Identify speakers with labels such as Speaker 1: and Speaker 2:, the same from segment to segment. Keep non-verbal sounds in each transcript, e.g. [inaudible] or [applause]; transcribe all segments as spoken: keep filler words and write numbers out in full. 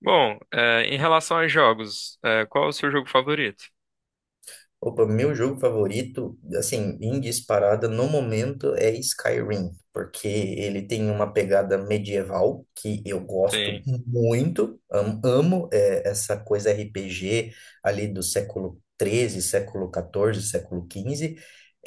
Speaker 1: Bom, é, em relação aos jogos, é, qual é o seu jogo favorito?
Speaker 2: Opa, meu jogo favorito, assim, em disparada no momento é Skyrim, porque ele tem uma pegada medieval que eu gosto
Speaker 1: Sim,
Speaker 2: muito, am- amo, é, essa coisa R P G ali do século treze, século quatorze, século quinze.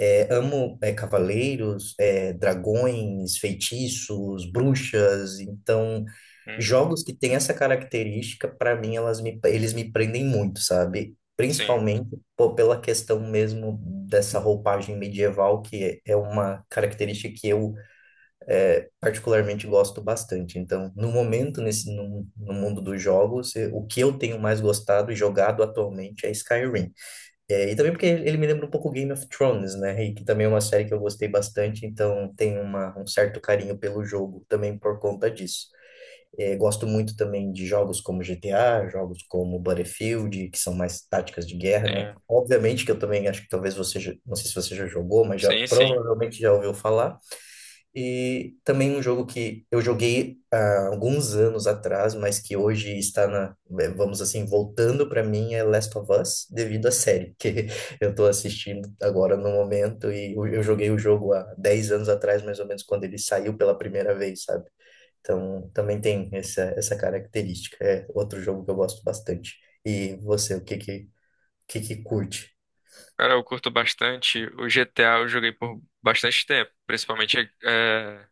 Speaker 2: É, amo, é, cavaleiros, é, dragões, feitiços, bruxas. Então,
Speaker 1: uhum,
Speaker 2: jogos que têm essa característica, para mim, elas me, eles me prendem muito, sabe?
Speaker 1: sim,
Speaker 2: Principalmente pô, pela questão mesmo dessa roupagem medieval, que é é uma característica que eu particularmente gosto bastante. Então, no momento, nesse, no, no mundo dos jogos, eh, o que eu tenho mais gostado e jogado atualmente é Skyrim. É, e também porque ele ele me lembra um pouco Game of Thrones, né? E que também é uma série que eu gostei bastante, então tenho uma, um certo carinho pelo jogo também por conta disso. É, gosto muito também de jogos como G T A, jogos como Battlefield, que são mais táticas de guerra, né?
Speaker 1: sim,
Speaker 2: Obviamente que eu também acho que talvez você, já- não sei se você já jogou, mas já
Speaker 1: sim, sim.
Speaker 2: provavelmente já ouviu falar. E também um jogo que eu joguei há alguns anos atrás, mas que hoje está na, eh, vamos assim, voltando para mim é Last of Us, devido à série que [laughs] eu tô assistindo agora no momento e eu eu joguei o jogo há dez anos atrás, mais ou menos, quando ele saiu pela primeira vez, sabe? Então, também tem essa, essa característica. É outro jogo que eu gosto bastante. E você, o que que, o que que curte?
Speaker 1: Cara, eu curto bastante. O G T A eu joguei por bastante tempo, principalmente é,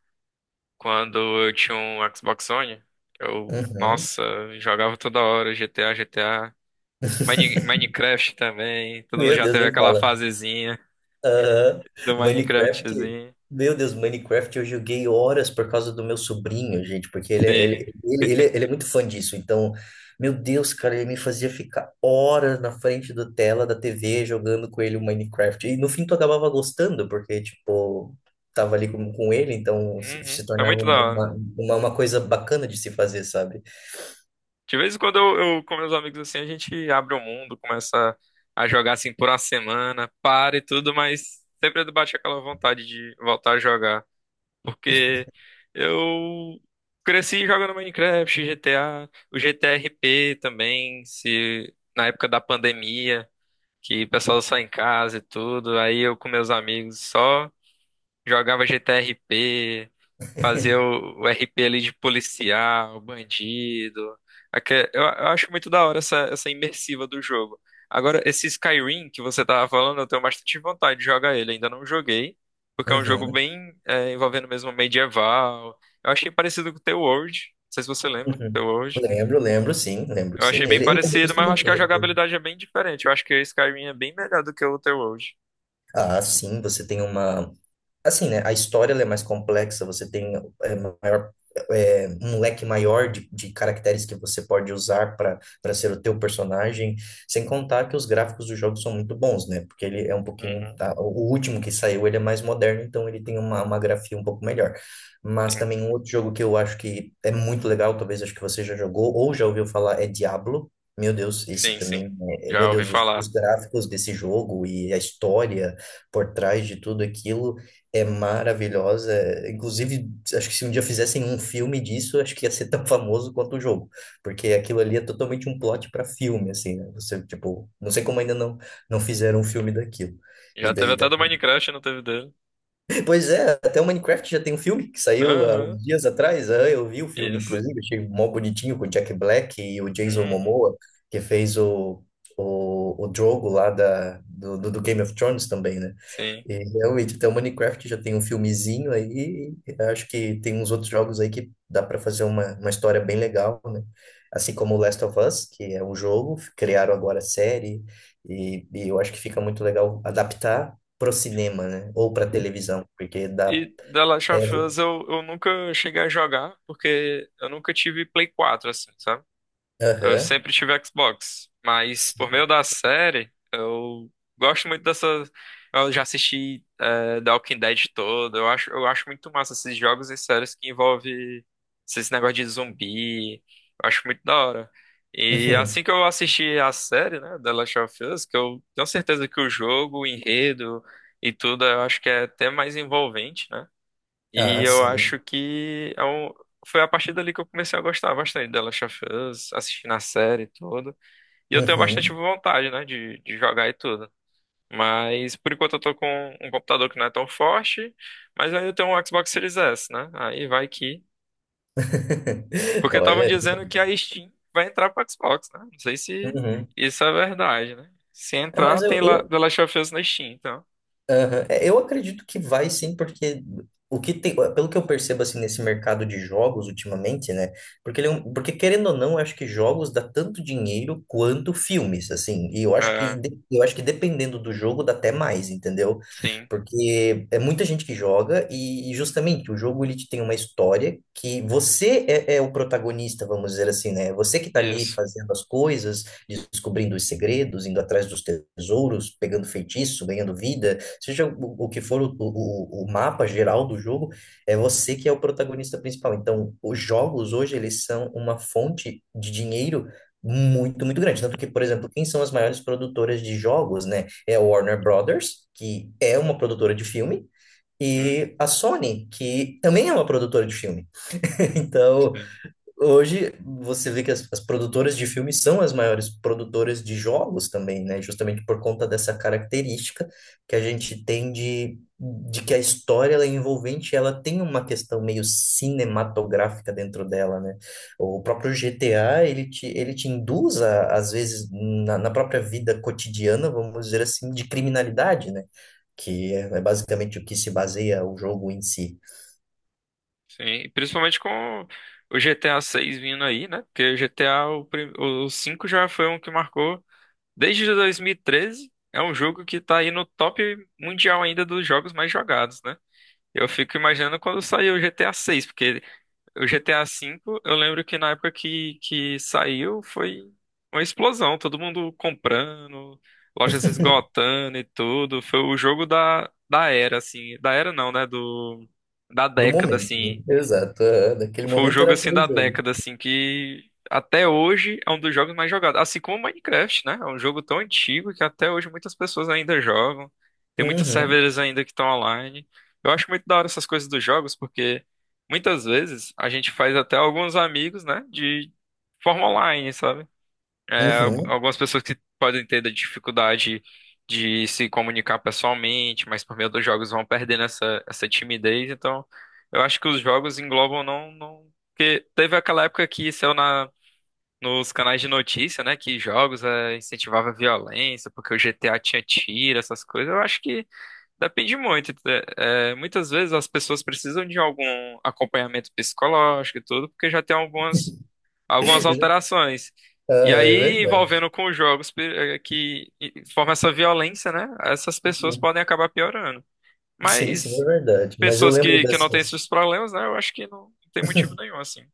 Speaker 1: quando eu tinha um Xbox One. Eu,
Speaker 2: Uhum.
Speaker 1: nossa, jogava toda hora G T A, G T A. Mine- Minecraft também. Todo mundo
Speaker 2: Meu
Speaker 1: já
Speaker 2: Deus,
Speaker 1: teve
Speaker 2: nem
Speaker 1: aquela
Speaker 2: fala.
Speaker 1: fasezinha
Speaker 2: Aham.
Speaker 1: do
Speaker 2: Minecraft,
Speaker 1: Minecraftzinho.
Speaker 2: meu Deus, Minecraft eu joguei horas por causa do meu sobrinho, gente, porque ele, é- ele,
Speaker 1: Sim.
Speaker 2: ele, ele, é ele é muito fã disso. Então, meu Deus, cara, ele me fazia ficar horas na frente da tela da T V jogando com ele o Minecraft. E no fim tu acabava gostando, porque, tipo, tava ali com, com ele, então se,
Speaker 1: Uhum.
Speaker 2: se
Speaker 1: É
Speaker 2: tornava
Speaker 1: muito da
Speaker 2: um,
Speaker 1: hora.
Speaker 2: uma, uma, uma coisa bacana de se fazer, sabe?
Speaker 1: De vez em quando eu, eu com meus amigos assim, a gente abre o mundo, começa a jogar assim por uma semana, para e tudo, mas sempre bate aquela vontade de voltar a jogar. Porque eu cresci jogando Minecraft, G T A, o G T R P também, se na época da pandemia, que o pessoal só em casa e tudo, aí eu com meus amigos só jogava G T R P, fazer o, o R P ali de policial, bandido. Aque- Eu, eu acho muito da hora essa, essa imersiva do jogo. Agora, esse Skyrim que você tava falando, eu tenho bastante vontade de jogar ele. Ainda não joguei, porque é um jogo
Speaker 2: Uhum,
Speaker 1: bem é, envolvendo mesmo medieval. Eu achei parecido com o The World. Não sei se você lembra, The
Speaker 2: uhum.
Speaker 1: World.
Speaker 2: Lembro, lembro, sim, lembro,
Speaker 1: Eu achei
Speaker 2: sim.
Speaker 1: bem
Speaker 2: Ele, ele-
Speaker 1: parecido, mas eu
Speaker 2: justamente
Speaker 1: acho que a
Speaker 2: ele.
Speaker 1: jogabilidade é bem diferente. Eu acho que o Skyrim é bem melhor do que o The World.
Speaker 2: Ah, sim, você tem uma. Assim, né? A história ela é mais complexa, você tem, é, maior, é, um leque maior de, de caracteres que você pode usar para para ser o teu personagem, sem contar que os gráficos do jogo são muito bons, né? Porque ele é um pouquinho.
Speaker 1: Uhum,
Speaker 2: Tá, o último que saiu, ele é mais moderno, então ele tem uma, uma grafia um pouco melhor. Mas
Speaker 1: sim.
Speaker 2: também um outro jogo que eu acho que é muito legal, talvez acho que você já jogou ou já ouviu falar, é Diablo. Meu Deus, esse
Speaker 1: Sim, sim.
Speaker 2: também, é- é,
Speaker 1: Já
Speaker 2: meu
Speaker 1: ouvi
Speaker 2: Deus, os os
Speaker 1: falar.
Speaker 2: gráficos desse jogo e a história por trás de tudo aquilo é maravilhosa. Inclusive, acho que se um dia fizessem um filme disso, acho que ia ser [laughs] tão famoso quanto o jogo, porque aquilo ali é totalmente um plot para filme, assim, né? Você, tipo, não sei como ainda não não fizeram um filme daquilo. E
Speaker 1: Já teve
Speaker 2: daí
Speaker 1: até do Minecraft, não teve dele.
Speaker 2: Pois é, até o Minecraft já tem um filme que saiu há uns
Speaker 1: Aham.
Speaker 2: dias atrás. Ah, eu vi o filme,
Speaker 1: Isso.
Speaker 2: inclusive, achei mó bonitinho com o Jack Black e o Jason
Speaker 1: Uhum,
Speaker 2: Momoa, que fez o, o, o Drogo lá da, do, do do Game of Thrones também, né?
Speaker 1: sim.
Speaker 2: E realmente, até o Minecraft já tem um filmezinho aí. E acho que tem uns outros jogos aí que dá para fazer uma, uma história bem legal, né? Assim como o Last of Us, que é um jogo, criaram agora a série, e, e eu acho que fica muito legal adaptar pro cinema, né? Ou pra televisão, porque dá.
Speaker 1: E The Last
Speaker 2: É,
Speaker 1: of Us eu, eu nunca cheguei a jogar, porque eu nunca tive Play quatro assim, sabe? Eu
Speaker 2: aham,
Speaker 1: sempre tive Xbox, mas por
Speaker 2: sim.
Speaker 1: meio
Speaker 2: [laughs]
Speaker 1: da série, eu gosto muito dessa. Eu já assisti é, The Walking Dead todo. Eu acho, eu acho muito massa esses jogos e séries que envolvem esses negócios de zumbi. Eu acho muito da hora. E
Speaker 2: Uhum.
Speaker 1: assim que eu assisti a série, né, The Last of Us, que eu tenho certeza que o jogo, o enredo e tudo, eu acho que é até mais envolvente, né? E
Speaker 2: Ah,
Speaker 1: eu
Speaker 2: sim.
Speaker 1: acho que é um- foi a partir dali que eu comecei a gostar bastante da Last of Us, assistindo a série e tudo. E eu tenho bastante
Speaker 2: Uhum.
Speaker 1: vontade, né, de, de jogar e tudo. Mas por enquanto eu tô com um computador que não é tão forte, mas aí eu tenho um Xbox Series S, né? Aí vai que.
Speaker 2: [laughs]
Speaker 1: Porque estavam
Speaker 2: Olha.
Speaker 1: dizendo que a Steam vai entrar pro Xbox, né? Não sei se
Speaker 2: Uhum.
Speaker 1: isso é verdade, né? Se
Speaker 2: É,
Speaker 1: entrar,
Speaker 2: mas eu,
Speaker 1: tem lá
Speaker 2: eu,
Speaker 1: The Last of Us na Steam, então.
Speaker 2: aham. É, eu acredito que vai sim, porque o que tem, pelo que eu percebo assim nesse mercado de jogos ultimamente, né? Porque ele é um- porque querendo ou não, eu acho que jogos dá tanto dinheiro quanto filmes, assim. E eu acho que
Speaker 1: É,
Speaker 2: de- eu acho que dependendo do jogo dá até mais, entendeu?
Speaker 1: sim,
Speaker 2: Porque é muita gente que joga e, e justamente o jogo ele te tem uma história que você é, é o protagonista, vamos dizer assim, né? Você que tá ali
Speaker 1: isso.
Speaker 2: fazendo as coisas, descobrindo os segredos, indo atrás dos tesouros, pegando feitiço, ganhando vida, seja o, o que for o, o, o mapa geral do jogo, é você que é o protagonista principal. Então, os jogos hoje, eles são uma fonte de dinheiro muito, muito grande. Tanto que, por exemplo, quem são as maiores produtoras de jogos, né? É a Warner Brothers, que é uma produtora de filme,
Speaker 1: Hum,
Speaker 2: e a Sony, que também é uma produtora de filme. [laughs] Então,
Speaker 1: sim.
Speaker 2: hoje você vê que as, as produtoras de filmes são as maiores produtoras de jogos também, né? Justamente por conta dessa característica que a gente tem de, de que a história ela é envolvente, ela tem uma questão meio cinematográfica dentro dela, né? O próprio G T A, ele te, ele te induz, a, às vezes, na, na própria vida cotidiana, vamos dizer assim, de criminalidade, né? Que é, é basicamente o que se baseia o jogo em si,
Speaker 1: Sim, principalmente com o G T A seis vindo aí, né? Porque o G T A, o, prim- o cinco já foi um que marcou desde dois mil e treze. É um jogo que tá aí no top mundial ainda dos jogos mais jogados, né? Eu fico imaginando quando saiu o G T A seis porque o G T A cinco eu lembro que na época que, que saiu foi uma explosão, todo mundo comprando, lojas
Speaker 2: [laughs]
Speaker 1: esgotando e tudo. Foi o jogo da, da era, assim. Da era não, né? Do, da
Speaker 2: do
Speaker 1: década,
Speaker 2: momento, né?
Speaker 1: assim.
Speaker 2: Exato, é, naquele
Speaker 1: Foi o
Speaker 2: momento
Speaker 1: jogo
Speaker 2: era
Speaker 1: assim
Speaker 2: aquele
Speaker 1: da
Speaker 2: jogo.
Speaker 1: década, assim, que até hoje é um dos jogos mais jogados. Assim como o Minecraft, né? É um jogo tão antigo que até hoje muitas pessoas ainda jogam. Tem muitos
Speaker 2: Uhum,
Speaker 1: servidores ainda que estão online. Eu acho muito da hora essas coisas dos jogos, porque muitas vezes a gente faz até alguns amigos, né? De forma online, sabe? É, al-
Speaker 2: uhum.
Speaker 1: algumas pessoas que podem ter da dificuldade de se comunicar pessoalmente, mas por meio dos jogos vão perdendo essa, essa timidez. Então, eu acho que os jogos englobam não, não... Porque teve aquela época que saiu na, nos canais de notícia, né? Que jogos é, incentivava a violência, porque o G T A tinha tiro, essas coisas. Eu acho que depende muito. É, é, muitas vezes as pessoas precisam de algum acompanhamento psicológico e tudo, porque já tem algumas algumas
Speaker 2: [laughs]
Speaker 1: alterações.
Speaker 2: Ah,
Speaker 1: E
Speaker 2: é
Speaker 1: aí,
Speaker 2: verdade.
Speaker 1: envolvendo com jogos pe- eh, que formam essa violência, né? Essas pessoas podem acabar piorando.
Speaker 2: Sim, sim, é
Speaker 1: Mas
Speaker 2: verdade. Mas eu
Speaker 1: pessoas
Speaker 2: lembro
Speaker 1: que, que não
Speaker 2: dessa.
Speaker 1: têm esses problemas, né? Eu acho que não, tem motivo nenhum, assim.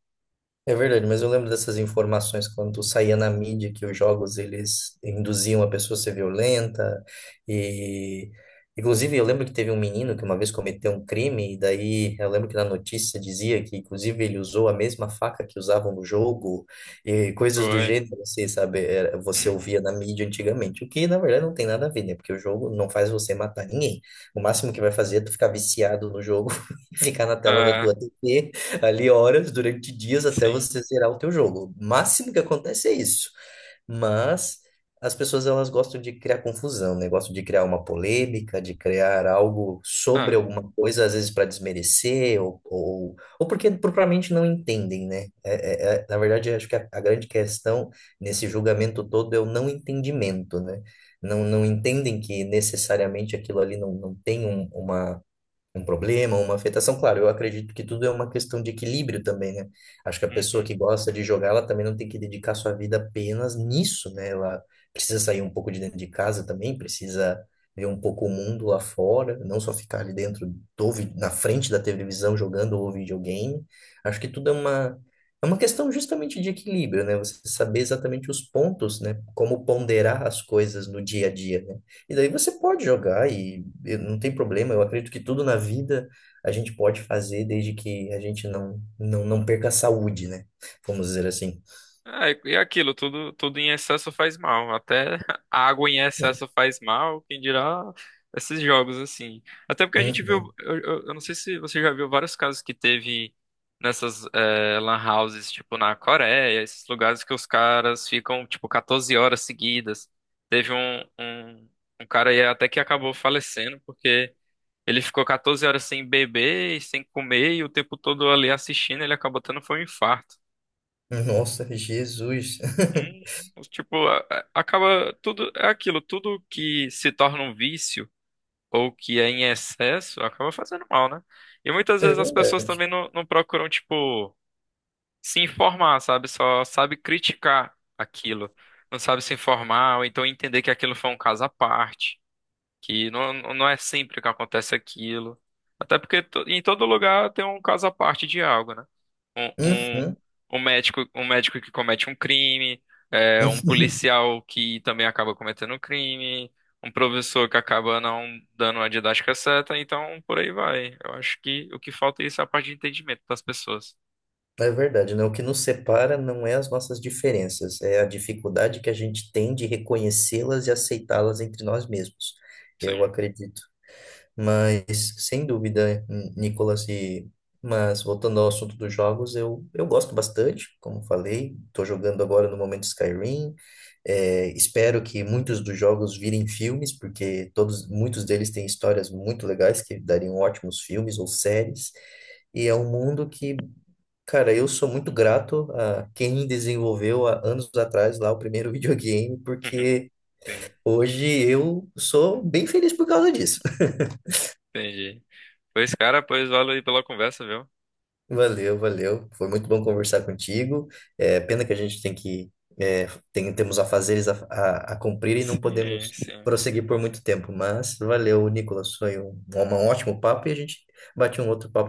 Speaker 2: É verdade, mas eu lembro dessas informações quando saía na mídia que os jogos eles induziam a pessoa a ser violenta e inclusive eu lembro que teve um menino que uma vez cometeu um crime e daí eu lembro que na notícia dizia que inclusive ele usou a mesma faca que usavam no jogo e coisas do
Speaker 1: Foi.
Speaker 2: gênero, você sabe. Era- você
Speaker 1: Uhum.
Speaker 2: ouvia na mídia antigamente, o que na verdade não tem nada a ver, né? Porque o jogo não faz você matar ninguém. O máximo que vai fazer é tu ficar viciado no jogo [laughs] e ficar na tela da
Speaker 1: É,
Speaker 2: tua T V ali horas durante dias até
Speaker 1: sim.
Speaker 2: você zerar o teu jogo. O máximo que acontece é isso. Mas as pessoas elas gostam de criar confusão, né? Gostam de criar uma polêmica, de criar algo sobre
Speaker 1: É.
Speaker 2: alguma coisa, às vezes para desmerecer ou, ou, ou porque propriamente não entendem, né? É, é- é- na verdade, eu acho que a, a grande questão nesse julgamento todo é o não entendimento, né? Não, não entendem que necessariamente aquilo ali não, não tem um, uma um problema, uma afetação. Claro, eu acredito que tudo é uma questão de equilíbrio também, né? Acho que a pessoa
Speaker 1: Uhum.
Speaker 2: que gosta de jogar, ela também não tem que dedicar sua vida apenas nisso, né? Ela precisa sair um pouco de dentro de casa também, precisa ver um pouco o mundo lá fora, não só ficar ali dentro do, vi- na frente da televisão jogando o videogame. Acho que tudo é uma é uma questão justamente de equilíbrio, né? Você saber exatamente os pontos, né? Como ponderar as coisas no dia a dia, né? E daí você pode jogar e, e não tem problema. Eu acredito que tudo na vida a gente pode fazer desde que a gente não não, não perca a saúde, né? Vamos dizer assim.
Speaker 1: É, e aquilo, tudo, tudo em excesso faz mal. Até [laughs] a água em excesso faz mal, quem dirá esses jogos assim. Até porque a gente viu,
Speaker 2: Uhum.
Speaker 1: eu, eu- eu não sei se você já viu vários casos que teve nessas eh, lan houses, tipo na Coreia, esses lugares que os caras ficam, tipo, catorze horas seguidas. Teve um, um, um cara aí até que acabou falecendo, porque ele ficou catorze horas sem beber e sem comer, e o tempo todo ali assistindo, ele acabou tendo foi um infarto.
Speaker 2: Uhum. Nossa, Jesus.
Speaker 1: Hum,
Speaker 2: [laughs]
Speaker 1: Tipo, a- a- acaba tudo, é aquilo, tudo que se torna um vício ou que é em excesso acaba fazendo mal, né? E muitas
Speaker 2: É
Speaker 1: vezes as pessoas
Speaker 2: verdade.
Speaker 1: também não, não procuram, tipo, se informar, sabe? Só sabe criticar aquilo, não sabe se informar, ou então entender que aquilo foi um caso à parte, que não, não não é sempre que acontece aquilo. Até porque to- em todo lugar tem um caso à parte de algo, né? um, um,
Speaker 2: Uhum.
Speaker 1: um médico, um médico que comete um crime, é, um
Speaker 2: [laughs]
Speaker 1: policial que também acaba cometendo um crime, um professor que acaba não dando a didática certa, então por aí vai. Eu acho que o que falta é isso, a parte de entendimento das pessoas.
Speaker 2: É verdade, né? O que nos separa não é as nossas diferenças, é a dificuldade que a gente tem de reconhecê-las e aceitá-las entre nós mesmos. Eu
Speaker 1: Sim.
Speaker 2: acredito Mas, sem dúvida, N- Nicolas, e... mas voltando ao assunto dos jogos, eu, eu gosto bastante, como falei, estou jogando agora no momento Skyrim, é, espero que muitos dos jogos virem filmes, porque todos, muitos deles têm histórias muito legais que dariam ótimos filmes ou séries, e é um mundo que, cara, eu sou muito grato a quem desenvolveu há anos atrás lá o primeiro [laughs] videogame,
Speaker 1: [laughs]
Speaker 2: porque
Speaker 1: Sim,
Speaker 2: hoje eu sou bem feliz por causa disso.
Speaker 1: entendi. Pois, cara, pois valeu aí pela conversa, viu?
Speaker 2: Valeu, valeu. Foi muito bom conversar contigo. É pena que a gente tem que, é, tem, temos afazeres a, a, a cumprir e não
Speaker 1: Sim,
Speaker 2: podemos
Speaker 1: sim.
Speaker 2: prosseguir por muito tempo, mas valeu, Nicolas. Foi um, um ótimo papo e a gente bate um outro papo.